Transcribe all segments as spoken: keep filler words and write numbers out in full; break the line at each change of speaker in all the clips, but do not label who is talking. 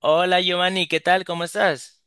Hola Giovanni, ¿qué tal? ¿Cómo estás?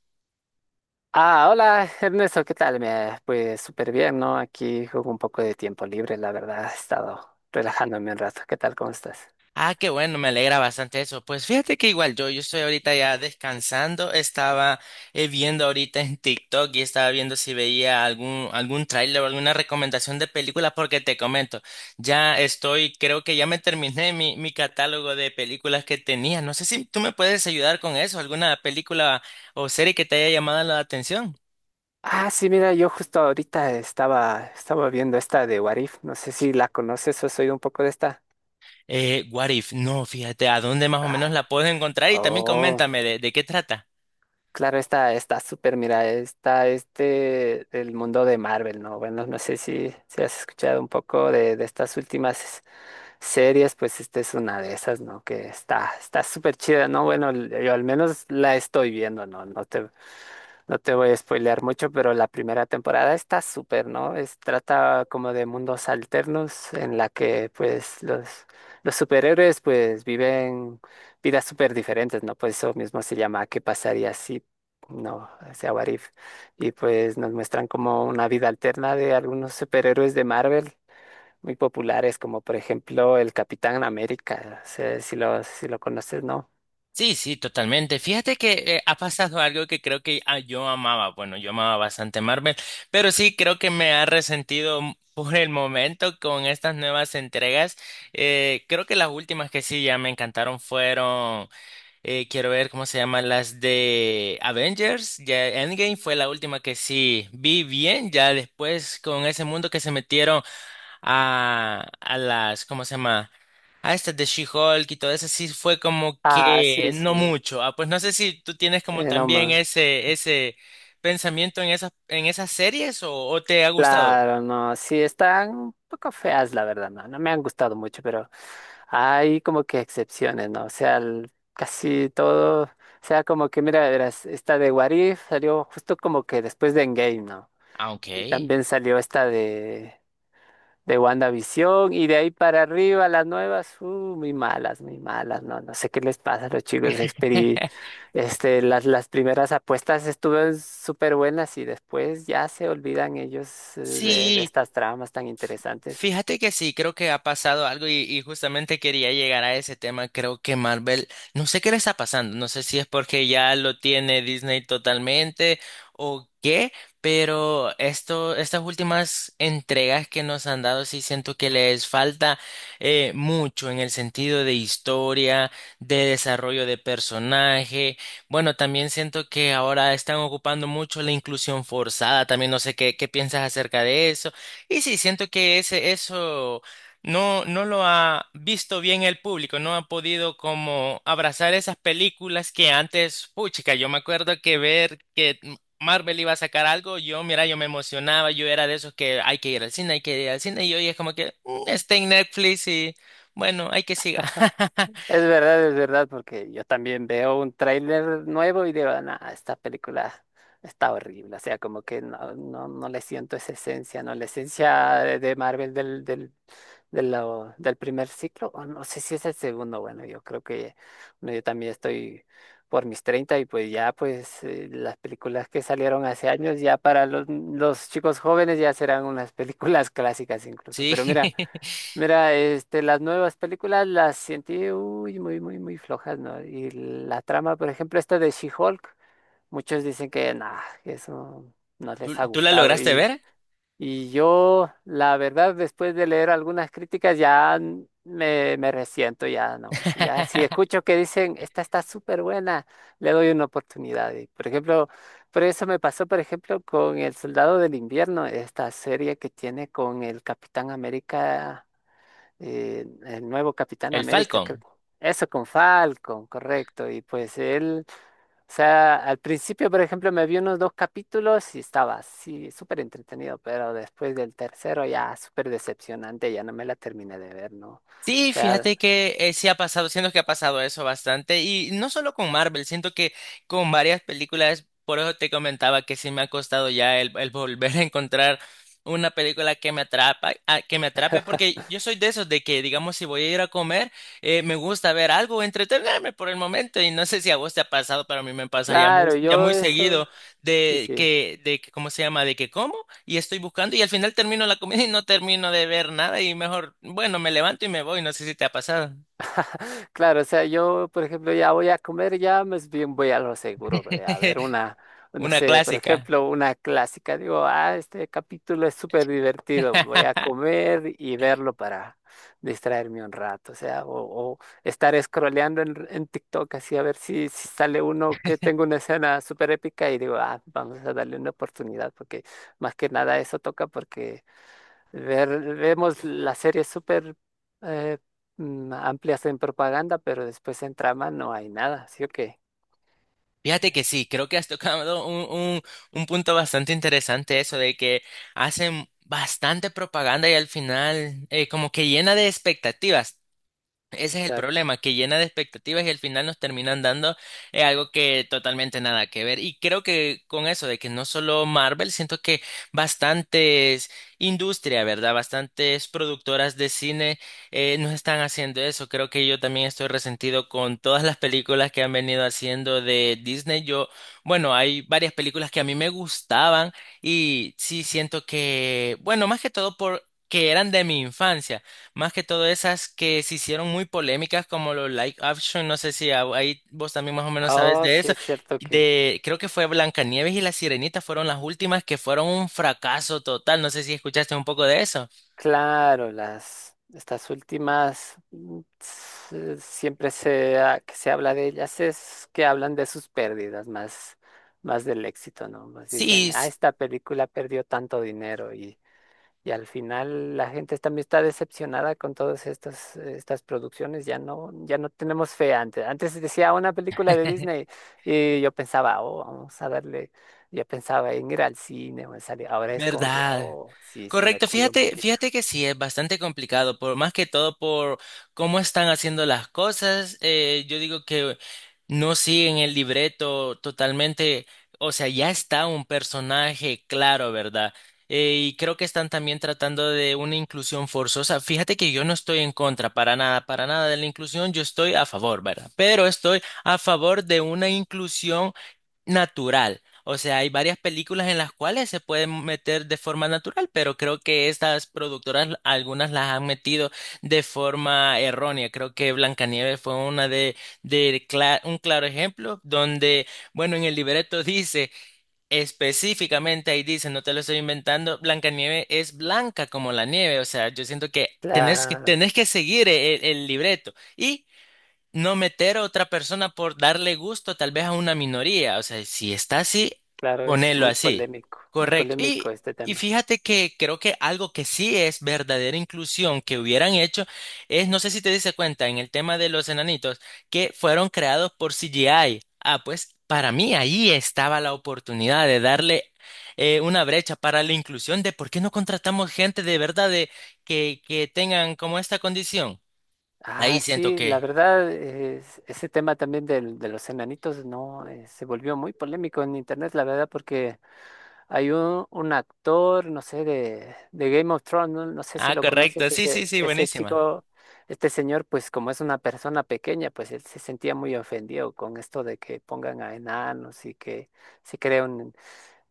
Ah, hola Ernesto, ¿qué tal? Me, pues súper bien, ¿no? Aquí juego un poco de tiempo libre, la verdad, he estado relajándome un rato. ¿Qué tal? ¿Cómo estás?
Ah, qué bueno, me alegra bastante eso. Pues fíjate que igual yo, yo estoy ahorita ya descansando, estaba eh, viendo ahorita en TikTok y estaba viendo si veía algún, algún tráiler o alguna recomendación de películas porque te comento, ya estoy, creo que ya me terminé mi, mi catálogo de películas que tenía. No sé si tú me puedes ayudar con eso, alguna película o serie que te haya llamado la atención.
Ah, sí, mira, yo justo ahorita estaba, estaba viendo esta de Warif. No sé si la conoces o has oído un poco de esta.
Eh, What If, no, fíjate, ¿a dónde más o menos la puedo encontrar? Y también
Oh,
coméntame de, de qué trata.
claro, esta está súper, mira, está este del mundo de Marvel, ¿no? Bueno, no sé si, si has escuchado un poco de, de estas últimas series. Pues esta es una de esas, ¿no? Que está, está súper chida, ¿no? Bueno, l- yo al menos la estoy viendo, ¿no? No te, no te voy a spoilear mucho, pero la primera temporada está súper, ¿no? Es, trata como de mundos alternos en la que, pues, los, los superhéroes, pues, viven vidas súper diferentes, ¿no? Pues eso mismo se llama ¿Qué pasaría si...? No, o sea, What If. Y pues nos muestran como una vida alterna de algunos superhéroes de Marvel muy populares, como por ejemplo el Capitán América, sé si lo, si lo conoces, ¿no?
Sí, sí, totalmente. Fíjate que eh, ha pasado algo que creo que ah, yo amaba. Bueno, yo amaba bastante Marvel, pero sí creo que me ha resentido m- por el momento con estas nuevas entregas. Eh, creo que las últimas que sí ya me encantaron fueron, eh, quiero ver cómo se llaman las de Avengers. Ya Endgame fue la última que sí vi bien. Ya después con ese mundo que se metieron a, a las, ¿cómo se llama? A estas de She-Hulk y todo eso, sí fue como
Ah,
que
sí,
no
sí,
mucho. Ah, pues no sé si tú tienes como
eh, no
también
más.
ese, ese pensamiento en esas, en esas series o, o te ha gustado.
Claro, no, sí, están un poco feas, la verdad, no, no me han gustado mucho, pero hay como que excepciones, ¿no? O sea, el- casi todo, o sea, como que, mira, verás, esta de Warif salió justo como que después de Endgame, ¿no?
Ah, ok.
Y también salió esta de de WandaVision y de ahí para arriba las nuevas, uh, muy malas, muy malas, no, no sé qué les pasa a los chicos de Xperi. Este, las, las primeras apuestas estuvieron súper buenas y después ya se olvidan ellos eh, de, de
Sí.
estas tramas tan interesantes.
Fíjate que sí, creo que ha pasado algo y, y justamente quería llegar a ese tema. Creo que Marvel, no sé qué le está pasando, no sé si es porque ya lo tiene Disney totalmente o qué, pero esto, estas últimas entregas que nos han dado sí siento que les falta eh, mucho en el sentido de historia, de desarrollo de personaje. Bueno, también siento que ahora están ocupando mucho la inclusión forzada. También no sé qué, qué piensas acerca de eso y sí, siento que ese, eso no, no lo ha visto bien el público, no ha podido como abrazar esas películas que antes, puchica, yo me acuerdo que ver que M- Marvel iba a sacar algo, yo, mira, yo me emocionaba, yo era de esos que hay que ir al cine, hay que ir al cine, y hoy es como que "Mm, está en Netflix y bueno, hay que siga".
Es verdad, es verdad, porque yo también veo un tráiler nuevo y digo, "Nah, esta película está horrible". O sea, como que no, no, no le siento esa esencia, ¿no? La esencia de de Marvel del, del de lo, del primer ciclo, o no sé si es el segundo, bueno, yo creo que bueno, yo también estoy por mis treinta y pues ya pues eh, las películas que salieron hace años ya para los, los chicos jóvenes ya serán unas películas clásicas incluso,
Sí.
pero mira, mira, este, las nuevas películas las sentí uy, muy, muy, muy flojas, ¿no? Y la trama, por ejemplo, esta de She-Hulk, muchos dicen que nada, eso no
¿Tú,
les ha
tú la
gustado
lograste
y...
ver?
Y yo, la verdad, después de leer algunas críticas, ya n- me, me resiento, ya no. Ya si escucho que dicen, esta está súper buena, le doy una oportunidad. Y, por ejemplo, por eso me pasó, por ejemplo, con El Soldado del Invierno, esta serie que tiene con el Capitán América, eh, el nuevo Capitán
El
América, creo.
Falcon.
Eso con Falcon, correcto. Y pues él... O sea, al principio, por ejemplo, me vi unos dos capítulos y estaba así, súper entretenido, pero después del tercero ya súper decepcionante, ya no me la terminé de ver, ¿no? O
Sí,
sea,
fíjate que eh, sí ha pasado, siento que ha pasado eso bastante y no solo con Marvel, siento que con varias películas, por eso te comentaba que sí me ha costado ya el, el volver a encontrar una película que me atrapa, a- que me atrape, porque yo soy de esos de que, digamos, si voy a ir a comer, eh, me gusta ver algo, entretenerme por el momento y no sé si a vos te ha pasado, pero a mí me pasa ya muy,
claro,
ya
yo
muy
eso,
seguido
sí,
de
sí.
que, de que, ¿cómo se llama? De que como y estoy buscando y al final termino la comida y no termino de ver nada y mejor, bueno, me levanto y me voy, no sé si te ha pasado.
Claro, o sea, yo, por ejemplo, ya voy a comer, ya más bien voy a lo seguro, ve, a ver una, no
Una
sé, por
clásica.
ejemplo, una clásica. Digo, ah, este capítulo es súper divertido, voy a comer y verlo para distraerme un rato, o sea, o, o estar scrolleando en, en TikTok así a ver si, si sale uno que tengo una escena súper épica y digo, ah, vamos a darle una oportunidad, porque más que nada eso toca porque... Ver- vemos las series súper eh, mm, amplias en propaganda, pero después en trama no hay nada, ¿sí o qué?
Fíjate que
Eh,
sí, creo que has tocado un, un, un punto bastante interesante eso de que hacen bastante propaganda y al final eh, como que llena de expectativas. Ese es el
Exacto.
problema, que llena de expectativas y al final nos terminan dando eh, algo que totalmente nada que ver. Y creo que con eso de que no solo Marvel, siento que bastantes industria, ¿verdad? Bastantes productoras de cine eh, nos están haciendo eso. Creo que yo también estoy resentido con todas las películas que han venido haciendo de Disney. Yo, bueno, hay varias películas que a mí me gustaban y sí siento que, bueno, más que todo por... que eran de mi infancia. Más que todo esas que se hicieron muy polémicas como los live action, no sé si a- ahí vos también más o menos sabes
Oh,
de
sí
eso.
es cierto que,
De, creo que fue Blancanieves y La Sirenita fueron las últimas que fueron un fracaso total. No sé si escuchaste un poco de eso.
claro, las estas últimas mm, s- siempre se ha- que se habla de ellas es que hablan de sus pérdidas más más del éxito, ¿no? Más
Sí,
dicen, ah,
sí.
esta película perdió tanto dinero. y Y al final la gente también está decepcionada con todas estas, estas producciones, ya no, ya no tenemos fe antes. Antes decía una película de Disney y yo pensaba, oh, vamos a darle, yo pensaba en ir al cine o en salir. Ahora es como que,
¿Verdad?
oh, sí, sí, me
Correcto,
cuido un
fíjate,
poquito.
fíjate que sí, es bastante complicado, por más que todo por cómo están haciendo las cosas, eh, yo digo que no siguen el libreto totalmente, o sea, ya está un personaje claro, ¿verdad? Eh, y creo que están también tratando de una inclusión forzosa. Fíjate que yo no estoy en contra para nada, para nada de la inclusión, yo estoy a favor, ¿verdad? Pero estoy a favor de una inclusión natural. O sea, hay varias películas en las cuales se pueden meter de forma natural, pero creo que estas productoras, algunas las han metido de forma errónea. Creo que Blancanieves fue una de, de cla- un claro ejemplo donde, bueno, en el libreto dice específicamente, ahí dice, no te lo estoy inventando, Blancanieves es blanca como la nieve. O sea, yo siento que tenés que,
Claro,
tenés que seguir el, el libreto. Y no meter a otra persona por darle gusto tal vez a una minoría. O sea, si está así,
claro, es
ponerlo
muy
así.
polémico, muy
Correcto.
polémico
Y,
este
y
tema.
fíjate que creo que algo que sí es verdadera inclusión que hubieran hecho es, no sé si te diste cuenta en el tema de los enanitos, que fueron creados por C G I. Ah, pues para mí ahí estaba la oportunidad de darle eh, una brecha para la inclusión de por qué no contratamos gente de verdad de, que, que tengan como esta condición.
Ah,
Ahí siento
sí, la
que...
verdad, es- ese tema también del- de los enanitos, no, Eh, se volvió muy polémico en internet, la verdad, porque hay un, un actor, no sé, de, de Game of Thrones, no, no sé si
Ah,
lo
correcto.
conoces,
Sí,
ese,
sí, sí,
ese
buenísima.
chico, este señor, pues como es una persona pequeña, pues él se sentía muy ofendido con esto de que pongan a enanos y que se creen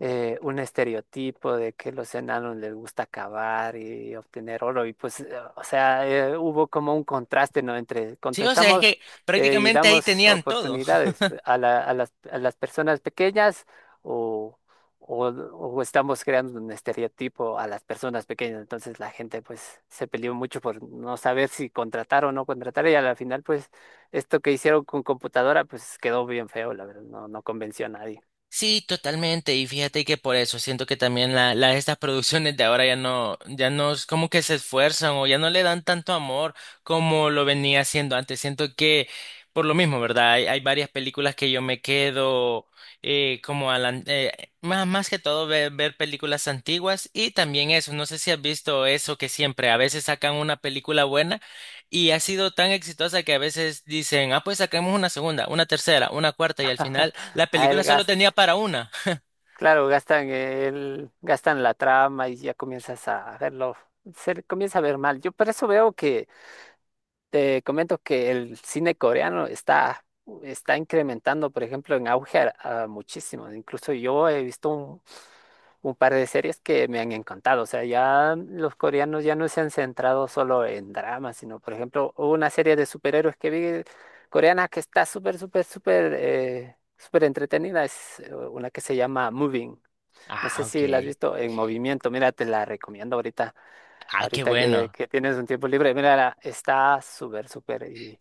eh, un estereotipo de que los enanos les gusta cavar y obtener oro. Y pues, eh, o sea, eh, hubo como un contraste, ¿no? Entre
Sí, o sea, es
contestamos
que
eh, y
prácticamente ahí
damos
tenían todo.
oportunidades a la- a las, a las personas pequeñas o, o, o estamos creando un estereotipo a las personas pequeñas. Entonces la gente pues se peleó mucho por no saber si contratar o no contratar y a la final pues esto que hicieron con computadora pues quedó bien feo, la verdad, no, no convenció a nadie.
Sí, totalmente. Y fíjate que por eso siento que también la, la- estas producciones de ahora ya no, ya no es como que se esfuerzan o ya no le dan tanto amor como lo venía haciendo antes. Siento que por lo mismo, ¿verdad? Hay, hay varias películas que yo me quedo eh, como a la- eh, más, más que todo ver, ver películas antiguas y también eso. No sé si has visto eso que siempre a veces sacan una película buena y ha sido tan exitosa que a veces dicen, ah, pues sacamos una segunda, una tercera, una cuarta y al final la
A el
película solo
gasto.
tenía para una.
Claro, gastan el, gastan la trama y ya comienzas a verlo, se le comienza a ver mal. Yo por eso veo que, te comento que el cine coreano está, está incrementando, por ejemplo, en auge a- a muchísimo. Incluso yo he visto un, un par de series que me han encantado. O sea, ya los coreanos ya no se han centrado solo en dramas, sino, por ejemplo, hubo una serie de superhéroes que vi coreana que está súper, súper, súper, eh, súper entretenida. Es eh, una que se llama Moving. No sé
Ah, ok.
si la has visto en movimiento. Mira, te la recomiendo ahorita.
Ah, qué
Ahorita que,
bueno.
que tienes un tiempo libre. Mira, está súper, súper. Y,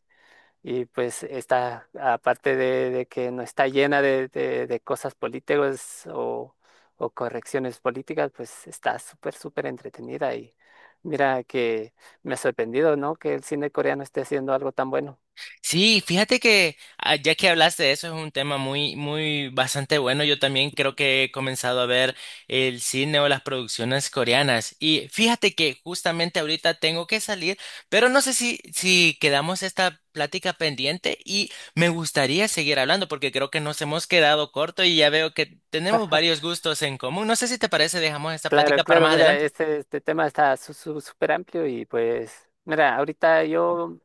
y pues está, aparte de, de que no está llena de, de- de cosas políticas o, o correcciones políticas, pues está súper, súper entretenida. Y mira que me ha sorprendido, ¿no? Que el cine coreano esté haciendo algo tan bueno.
Sí, fíjate que ah, ya que hablaste de eso es un tema muy, muy bastante bueno. Yo también creo que he comenzado a ver el cine o las producciones coreanas. Y fíjate que justamente ahorita tengo que salir, pero no sé si, si quedamos esta plática pendiente y me gustaría seguir hablando porque creo que nos hemos quedado corto y ya veo que tenemos varios gustos en común. No sé si te parece, dejamos esta
Claro,
plática para
claro,
más
mira,
adelante.
este, este tema está su- su- súper amplio y pues, mira, ahorita yo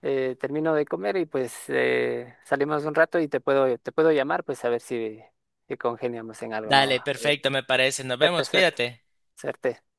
eh, termino de comer y pues eh, salimos un rato y te puedo, te puedo llamar, pues a ver si, si congeniamos en algo, ¿no?
Dale,
A ver,
perfecto, me parece. Nos
suerte,
vemos,
suerte,
cuídate.
suerte.